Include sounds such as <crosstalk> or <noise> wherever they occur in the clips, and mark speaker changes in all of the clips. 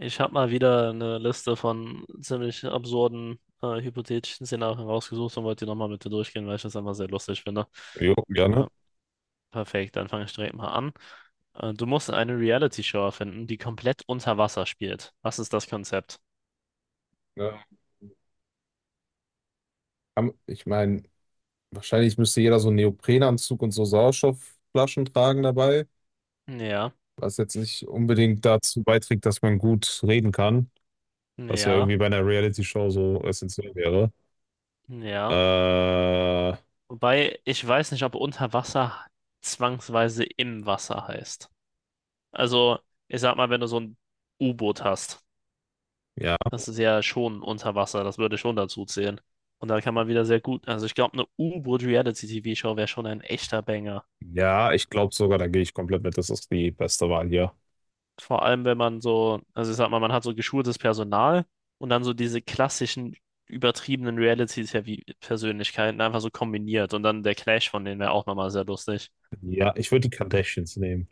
Speaker 1: Ich habe mal wieder eine Liste von ziemlich absurden, hypothetischen Szenarien rausgesucht und wollte die nochmal mit dir durchgehen, weil ich das einfach sehr lustig finde.
Speaker 2: Jo, gerne.
Speaker 1: Ja, perfekt, dann fange ich direkt mal an. Du musst eine Reality-Show erfinden, die komplett unter Wasser spielt. Was ist das Konzept?
Speaker 2: Ja. Ich meine, wahrscheinlich müsste jeder so einen Neoprenanzug und so Sauerstoffflaschen tragen dabei,
Speaker 1: Ja,
Speaker 2: was jetzt nicht unbedingt dazu beiträgt, dass man gut reden kann, was ja
Speaker 1: ja,
Speaker 2: irgendwie bei einer Reality-Show so essentiell wäre.
Speaker 1: ja.
Speaker 2: Äh,
Speaker 1: Wobei ich weiß nicht, ob unter Wasser zwangsweise im Wasser heißt. Also, ich sag mal, wenn du so ein U-Boot hast.
Speaker 2: ja,
Speaker 1: Das ist ja schon unter Wasser, das würde schon dazu zählen. Und da kann man wieder sehr gut, also ich glaube, eine U-Boot-Reality-TV-Show wäre schon ein echter Banger.
Speaker 2: ja, ich glaube sogar, da gehe ich komplett mit. Das ist die beste Wahl hier.
Speaker 1: Vor allem, wenn man so, also ich sag mal, man hat so geschultes Personal und dann so diese klassischen übertriebenen Reality-TV-Persönlichkeiten einfach so kombiniert und dann der Clash von denen wäre auch nochmal sehr lustig.
Speaker 2: Ja, ich würde die Kardashians nehmen.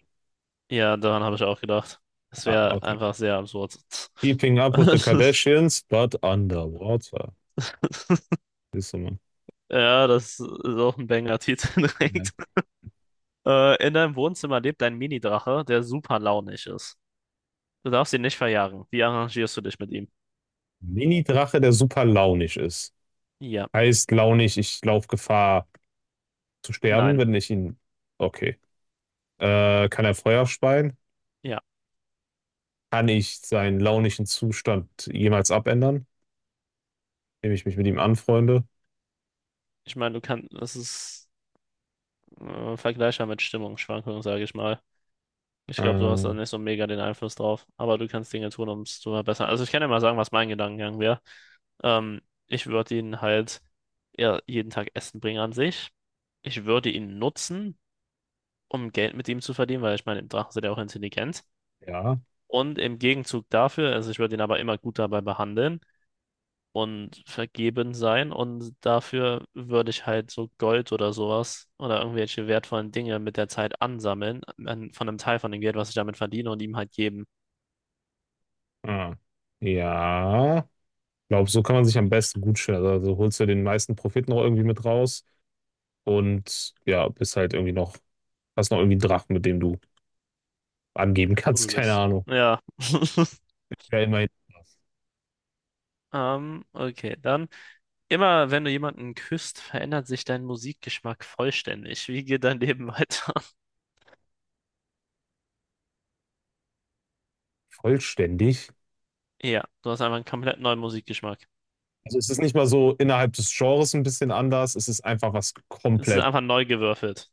Speaker 1: Ja, daran habe ich auch gedacht. Das
Speaker 2: Ah,
Speaker 1: wäre
Speaker 2: okay.
Speaker 1: einfach sehr absurd.
Speaker 2: Keeping up with the
Speaker 1: <laughs>
Speaker 2: Kardashians, but underwater. Siehst du mal.
Speaker 1: Ja, das ist auch ein Banger-Titel
Speaker 2: Ja.
Speaker 1: direkt. In deinem Wohnzimmer lebt ein Mini-Drache, der super launig ist. Du darfst ihn nicht verjagen. Wie arrangierst du dich mit ihm?
Speaker 2: Mini-Drache, der super launig ist.
Speaker 1: Ja,
Speaker 2: Heißt launig, ich laufe Gefahr zu sterben,
Speaker 1: nein,
Speaker 2: wenn ich ihn. Okay. Kann er Feuer speien?
Speaker 1: ja.
Speaker 2: Kann ich seinen launischen Zustand jemals abändern, indem ich mich mit ihm anfreunde?
Speaker 1: Ich meine, du kannst, das ist vergleichbar mit Stimmungsschwankungen, sage ich mal. Ich glaube, du hast da
Speaker 2: Äh,
Speaker 1: nicht so mega den Einfluss drauf, aber du kannst Dinge tun, um es zu verbessern. Also ich kann dir mal sagen, was mein Gedankengang wäre. Ähm, ich würde ihn halt ja, jeden Tag Essen bringen an sich. Ich würde ihn nutzen, um Geld mit ihm zu verdienen, weil ich meine, Drachen sind ja auch intelligent.
Speaker 2: ja.
Speaker 1: Und im Gegenzug dafür, also ich würde ihn aber immer gut dabei behandeln und vergeben sein. Und dafür würde ich halt so Gold oder sowas oder irgendwelche wertvollen Dinge mit der Zeit ansammeln, an, von einem Teil von dem Geld, was ich damit verdiene, und ihm halt geben.
Speaker 2: Ah. Ja. Ich glaube, so kann man sich am besten gut stellen. Also holst du den meisten Profit noch irgendwie mit raus und ja, bist halt irgendwie noch, hast noch irgendwie einen Drachen, mit dem du angeben kannst. <laughs>
Speaker 1: So
Speaker 2: Keine
Speaker 1: das.
Speaker 2: Ahnung.
Speaker 1: Ja. <laughs>
Speaker 2: Ja, immerhin
Speaker 1: Okay, dann. Immer wenn du jemanden küsst, verändert sich dein Musikgeschmack vollständig. Wie geht dein Leben weiter? <laughs>
Speaker 2: vollständig.
Speaker 1: Ja, du hast einfach einen komplett neuen Musikgeschmack.
Speaker 2: Also es ist nicht mal so innerhalb des Genres ein bisschen anders, es ist einfach was
Speaker 1: Es ist
Speaker 2: komplett.
Speaker 1: einfach neu gewürfelt.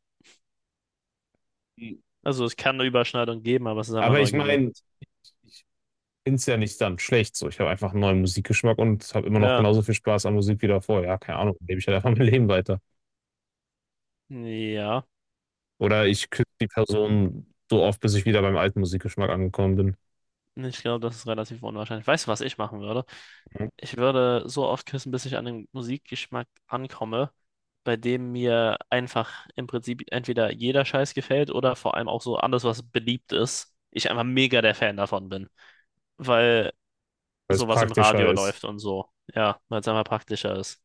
Speaker 1: Also es kann eine Überschneidung geben, aber es ist einfach
Speaker 2: Aber ich
Speaker 1: neu
Speaker 2: meine,
Speaker 1: gewürfelt.
Speaker 2: ich finde es ja nicht dann schlecht so. Ich habe einfach einen neuen Musikgeschmack und habe immer noch
Speaker 1: Ja,
Speaker 2: genauso viel Spaß an Musik wie davor. Ja, keine Ahnung, lebe ich halt einfach <laughs> mein Leben weiter.
Speaker 1: ja.
Speaker 2: Oder ich küsse die Person so oft, bis ich wieder beim alten Musikgeschmack angekommen bin,
Speaker 1: Ich glaube, das ist relativ unwahrscheinlich. Weißt du, was ich machen würde?
Speaker 2: mhm,
Speaker 1: Ich würde so oft küssen, bis ich an den Musikgeschmack ankomme, bei dem mir einfach im Prinzip entweder jeder Scheiß gefällt oder vor allem auch so alles, was beliebt ist. Ich einfach mega der Fan davon bin, weil
Speaker 2: weil es
Speaker 1: sowas im
Speaker 2: praktischer
Speaker 1: Radio
Speaker 2: ist.
Speaker 1: läuft und so. Ja, weil es einfach praktischer ist.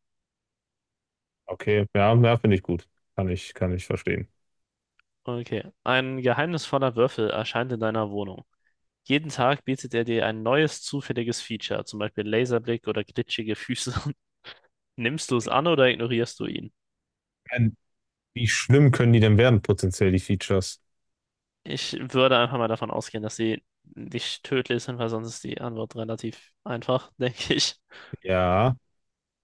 Speaker 2: Okay, ja, ja, finde ich gut. Kann ich verstehen.
Speaker 1: Okay. Ein geheimnisvoller Würfel erscheint in deiner Wohnung. Jeden Tag bietet er dir ein neues zufälliges Feature, zum Beispiel Laserblick oder glitschige Füße. <laughs> Nimmst du es an oder ignorierst du ihn?
Speaker 2: Ähm, Wie schlimm können die denn werden, potenziell, die Features?
Speaker 1: Ich würde einfach mal davon ausgehen, dass sie nicht tödlich sind, weil sonst ist die Antwort relativ einfach, <laughs> denke ich.
Speaker 2: Ja,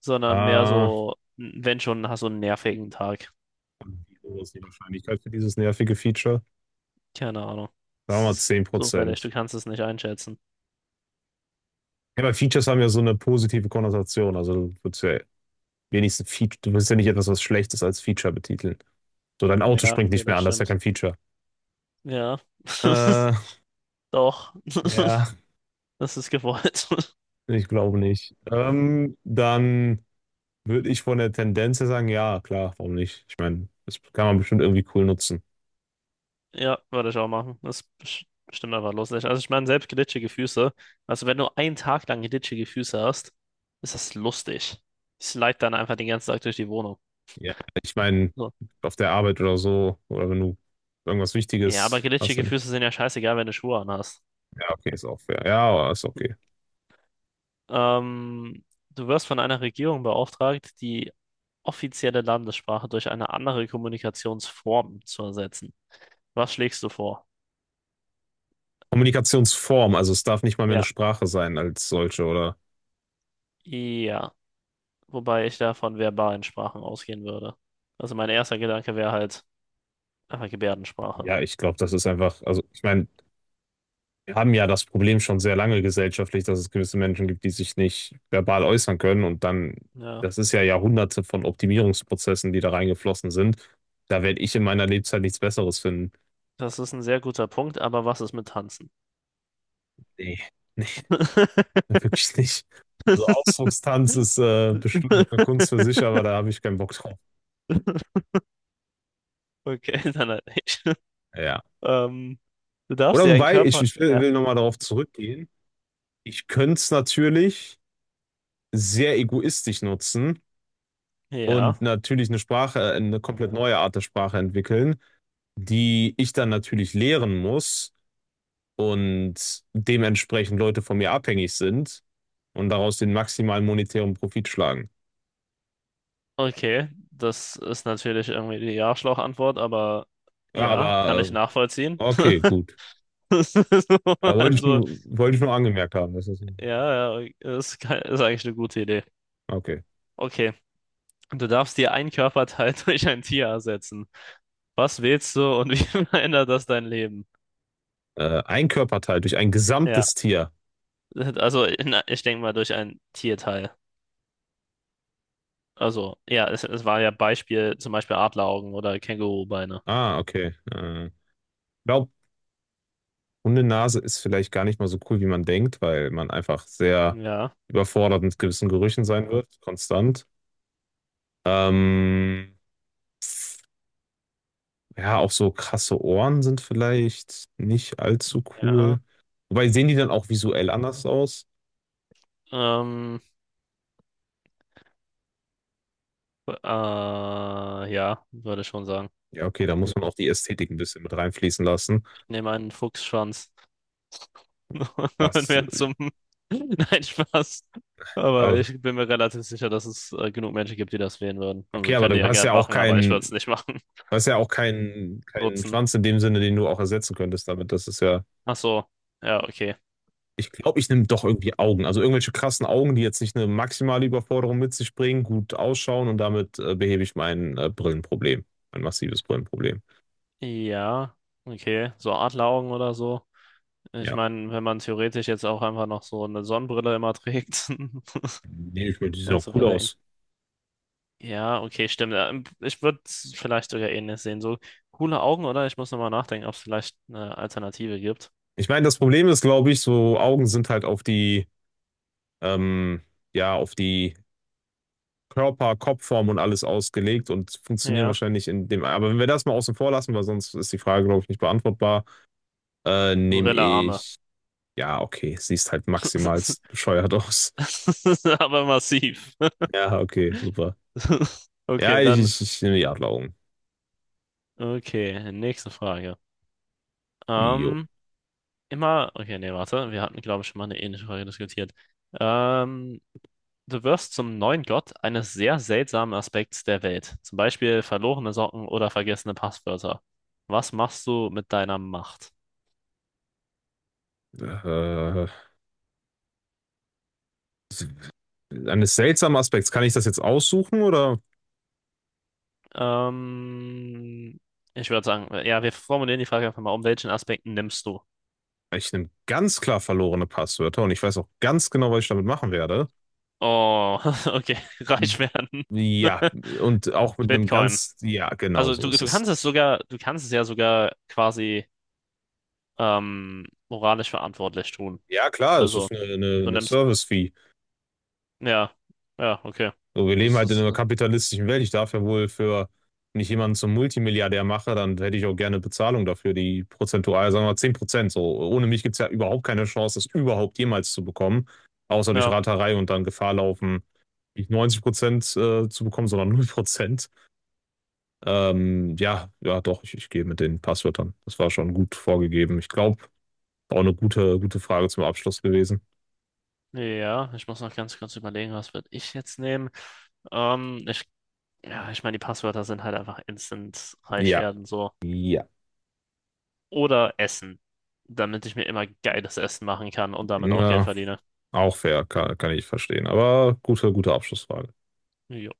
Speaker 1: Sondern mehr
Speaker 2: ah.
Speaker 1: so, wenn schon, hast du einen nervigen Tag.
Speaker 2: Wie hoch ist die Wahrscheinlichkeit für dieses nervige Feature?
Speaker 1: Keine Ahnung.
Speaker 2: Sagen wir
Speaker 1: Es
Speaker 2: mal
Speaker 1: ist
Speaker 2: zehn
Speaker 1: zufällig,
Speaker 2: Prozent.
Speaker 1: du kannst es nicht einschätzen.
Speaker 2: Ja, aber Features haben ja so eine positive Konnotation. Also du würdest ja wenigstens Feature, du willst ja nicht etwas, was Schlechtes als Feature betiteln. So, dein Auto
Speaker 1: Ja,
Speaker 2: springt
Speaker 1: okay,
Speaker 2: nicht mehr
Speaker 1: das
Speaker 2: an, das ist ja
Speaker 1: stimmt.
Speaker 2: kein Feature.
Speaker 1: Ja, <laughs>
Speaker 2: Äh,
Speaker 1: doch, <laughs>
Speaker 2: ja,
Speaker 1: das ist gewollt.
Speaker 2: ich glaube nicht. Dann würde ich von der Tendenz her sagen, ja, klar, warum nicht? Ich meine, das kann man bestimmt irgendwie cool nutzen.
Speaker 1: Ja, würde ich auch machen. Das ist bestimmt einfach lustig. Also ich meine, selbst glitschige Füße. Also wenn du einen Tag lang glitschige Füße hast, ist das lustig. Ich slide dann einfach den ganzen Tag durch die Wohnung.
Speaker 2: Ja, ich meine,
Speaker 1: So.
Speaker 2: auf der Arbeit oder so, oder wenn du irgendwas
Speaker 1: Ja, aber
Speaker 2: Wichtiges hast,
Speaker 1: glitschige
Speaker 2: dann,
Speaker 1: Füße sind ja scheißegal, wenn du Schuhe anhast.
Speaker 2: ja, okay, ist auch fair. Ja, aber ist okay.
Speaker 1: Ähm, du wirst von einer Regierung beauftragt, die offizielle Landessprache durch eine andere Kommunikationsform zu ersetzen. Was schlägst du vor?
Speaker 2: Kommunikationsform, also es darf nicht mal mehr eine
Speaker 1: Ja.
Speaker 2: Sprache sein als solche, oder?
Speaker 1: Ja, wobei ich da von verbalen Sprachen ausgehen würde. Also mein erster Gedanke wäre halt Ah, Gebärdensprache.
Speaker 2: Ja, ich glaube, das ist einfach, also ich meine, wir haben ja das Problem schon sehr lange gesellschaftlich, dass es gewisse Menschen gibt, die sich nicht verbal äußern können und dann,
Speaker 1: Ja,
Speaker 2: das ist ja Jahrhunderte von Optimierungsprozessen, die da reingeflossen sind. Da werde ich in meiner Lebzeit nichts Besseres finden.
Speaker 1: das ist ein sehr guter Punkt, aber was ist mit Tanzen?
Speaker 2: Nee, nee, <laughs>
Speaker 1: <laughs>
Speaker 2: wirklich nicht. Also Ausdruckstanz ist bestimmt eine Kunst für sich, aber da habe ich keinen Bock drauf.
Speaker 1: Okay, dann halt nicht.
Speaker 2: Ja.
Speaker 1: Ähm, du darfst
Speaker 2: Oder
Speaker 1: dir einen
Speaker 2: wobei, ich,
Speaker 1: Körper.
Speaker 2: ich will,
Speaker 1: Ja.
Speaker 2: will nochmal darauf zurückgehen. Ich könnte es natürlich sehr egoistisch nutzen und
Speaker 1: Ja,
Speaker 2: natürlich eine Sprache, eine komplett neue Art der Sprache entwickeln, die ich dann natürlich lehren muss und dementsprechend Leute von mir abhängig sind und daraus den maximalen monetären Profit schlagen.
Speaker 1: okay. Das ist natürlich irgendwie die Arschloch-Antwort, aber
Speaker 2: Ja,
Speaker 1: ja, kann
Speaker 2: aber
Speaker 1: ich nachvollziehen.
Speaker 2: okay,
Speaker 1: <laughs>
Speaker 2: gut.
Speaker 1: Das ist so,
Speaker 2: Da wollte ich
Speaker 1: also,
Speaker 2: nur, wollte ich nur angemerkt haben. Das ist,
Speaker 1: ja, ja, ist, ist eigentlich eine gute Idee.
Speaker 2: okay.
Speaker 1: Okay, du darfst dir einen Körperteil <laughs> durch ein Tier ersetzen. Was wählst du und wie <laughs> verändert das dein Leben?
Speaker 2: Ein Körperteil durch ein
Speaker 1: Ja,
Speaker 2: gesamtes Tier.
Speaker 1: also na, ich denke mal durch ein Tierteil. Also, ja, es war ja Beispiel, zum Beispiel Adleraugen oder Kängurubeine.
Speaker 2: Ah, okay. Glaub, Hundenase ist vielleicht gar nicht mal so cool, wie man denkt, weil man einfach sehr
Speaker 1: Ja,
Speaker 2: überfordert mit gewissen Gerüchen sein wird, konstant. Ähm, ja, auch so krasse Ohren sind vielleicht nicht allzu
Speaker 1: ja.
Speaker 2: cool. Wobei sehen die dann auch visuell anders aus?
Speaker 1: Ähm, ja, würde ich schon sagen.
Speaker 2: Ja, okay, da muss man auch die Ästhetik ein bisschen mit reinfließen lassen.
Speaker 1: Ich nehme einen Fuchsschwanz <laughs> und
Speaker 2: Was,
Speaker 1: werde zum. <laughs> Nein, Spaß. Aber
Speaker 2: aber,
Speaker 1: ich bin mir relativ sicher, dass es genug Menschen gibt, die das wählen würden.
Speaker 2: okay,
Speaker 1: Also,
Speaker 2: aber
Speaker 1: könnt
Speaker 2: du
Speaker 1: ihr ja
Speaker 2: hast
Speaker 1: gern
Speaker 2: ja auch
Speaker 1: machen, aber ich würde es
Speaker 2: keinen,
Speaker 1: nicht machen.
Speaker 2: du hast ja auch keinen,
Speaker 1: <laughs>
Speaker 2: keinen
Speaker 1: Nutzen.
Speaker 2: Schwanz in dem Sinne, den du auch ersetzen könntest damit. Das ist ja.
Speaker 1: Ach so. Ja, okay.
Speaker 2: Ich glaube, ich nehme doch irgendwie Augen. Also irgendwelche krassen Augen, die jetzt nicht eine maximale Überforderung mit sich bringen, gut ausschauen und damit behebe ich mein Brillenproblem. Mein massives Brillenproblem.
Speaker 1: Ja, okay. So Adleraugen oder so. Ich
Speaker 2: Ja,
Speaker 1: meine, wenn man theoretisch jetzt auch einfach noch so eine Sonnenbrille immer trägt <laughs>
Speaker 2: nehme ich mir, die sehen
Speaker 1: und
Speaker 2: auch
Speaker 1: so
Speaker 2: cool
Speaker 1: weiter.
Speaker 2: aus.
Speaker 1: Ja, okay, stimmt. Ja, ich würde vielleicht sogar ähnlich sehen. So coole Augen, oder? Ich muss nochmal nachdenken, ob es vielleicht eine Alternative gibt.
Speaker 2: Ich meine, das Problem ist, glaube ich, so Augen sind halt auf die, ähm, ja, auf die Körper, Kopfform und alles ausgelegt und funktionieren
Speaker 1: Ja.
Speaker 2: wahrscheinlich in dem. Aber wenn wir das mal außen vor lassen, weil sonst ist die Frage, glaube ich, nicht beantwortbar, nehme
Speaker 1: Gorilla-Arme.
Speaker 2: ich. Ja, okay, siehst halt maximal
Speaker 1: <laughs>
Speaker 2: bescheuert <laughs> aus.
Speaker 1: Aber massiv.
Speaker 2: Ja, okay, super.
Speaker 1: <laughs>
Speaker 2: Ja,
Speaker 1: Okay,
Speaker 2: ich,
Speaker 1: dann.
Speaker 2: ich, ich nehme die Adleraugen.
Speaker 1: Okay, nächste Frage.
Speaker 2: Jo.
Speaker 1: Ähm, immer. Okay, nee, warte. Wir hatten, glaube ich, schon mal eine ähnliche Frage diskutiert. Ähm, Du wirst zum neuen Gott eines sehr seltsamen Aspekts der Welt, zum Beispiel verlorene Socken oder vergessene Passwörter. Was machst du mit deiner Macht?
Speaker 2: Äh, Eines seltsamen Aspekts. Kann ich das jetzt aussuchen oder?
Speaker 1: Ähm, ich würde sagen, ja, wir formulieren die Frage einfach mal, um welchen Aspekten nimmst du?
Speaker 2: Ich nehme ganz klar verlorene Passwörter und ich weiß auch ganz genau, was ich damit machen werde.
Speaker 1: Oh, <laughs> okay, reich werden.
Speaker 2: Ja,
Speaker 1: <laughs>
Speaker 2: und auch mit einem
Speaker 1: Bitcoin.
Speaker 2: ganz, ja, genau
Speaker 1: Also
Speaker 2: so ist
Speaker 1: du
Speaker 2: es.
Speaker 1: kannst es sogar, du kannst es ja sogar quasi moralisch verantwortlich tun.
Speaker 2: Ja, klar, es
Speaker 1: Also
Speaker 2: ist eine, eine,
Speaker 1: du
Speaker 2: eine
Speaker 1: nimmst,
Speaker 2: Service-Fee.
Speaker 1: ja, ja, okay.
Speaker 2: So, wir leben
Speaker 1: Das
Speaker 2: halt in
Speaker 1: ist,
Speaker 2: einer kapitalistischen Welt. Ich darf ja wohl für, wenn ich jemanden zum Multimilliardär mache, dann hätte ich auch gerne Bezahlung dafür, die prozentual, sagen wir mal 10%. So, ohne mich gibt es ja überhaupt keine Chance, das überhaupt jemals zu bekommen, außer durch
Speaker 1: ja.
Speaker 2: Raterei und dann Gefahr laufen, nicht 90% zu bekommen, sondern 0%. Ja, ja, doch, ich gehe mit den Passwörtern. Das war schon gut vorgegeben. Ich glaube, auch eine gute, gute Frage zum Abschluss gewesen.
Speaker 1: Ja, ich muss noch ganz kurz überlegen, was würde ich jetzt nehmen. Ähm, ich, ja, ich meine, die Passwörter sind halt einfach instant reich
Speaker 2: Ja,
Speaker 1: werden, so.
Speaker 2: ja.
Speaker 1: Oder Essen, damit ich mir immer geiles Essen machen kann und damit auch Geld
Speaker 2: Na.
Speaker 1: verdiene.
Speaker 2: Auch fair, kann ich verstehen. Aber gute, gute Abschlussfrage.
Speaker 1: Jo.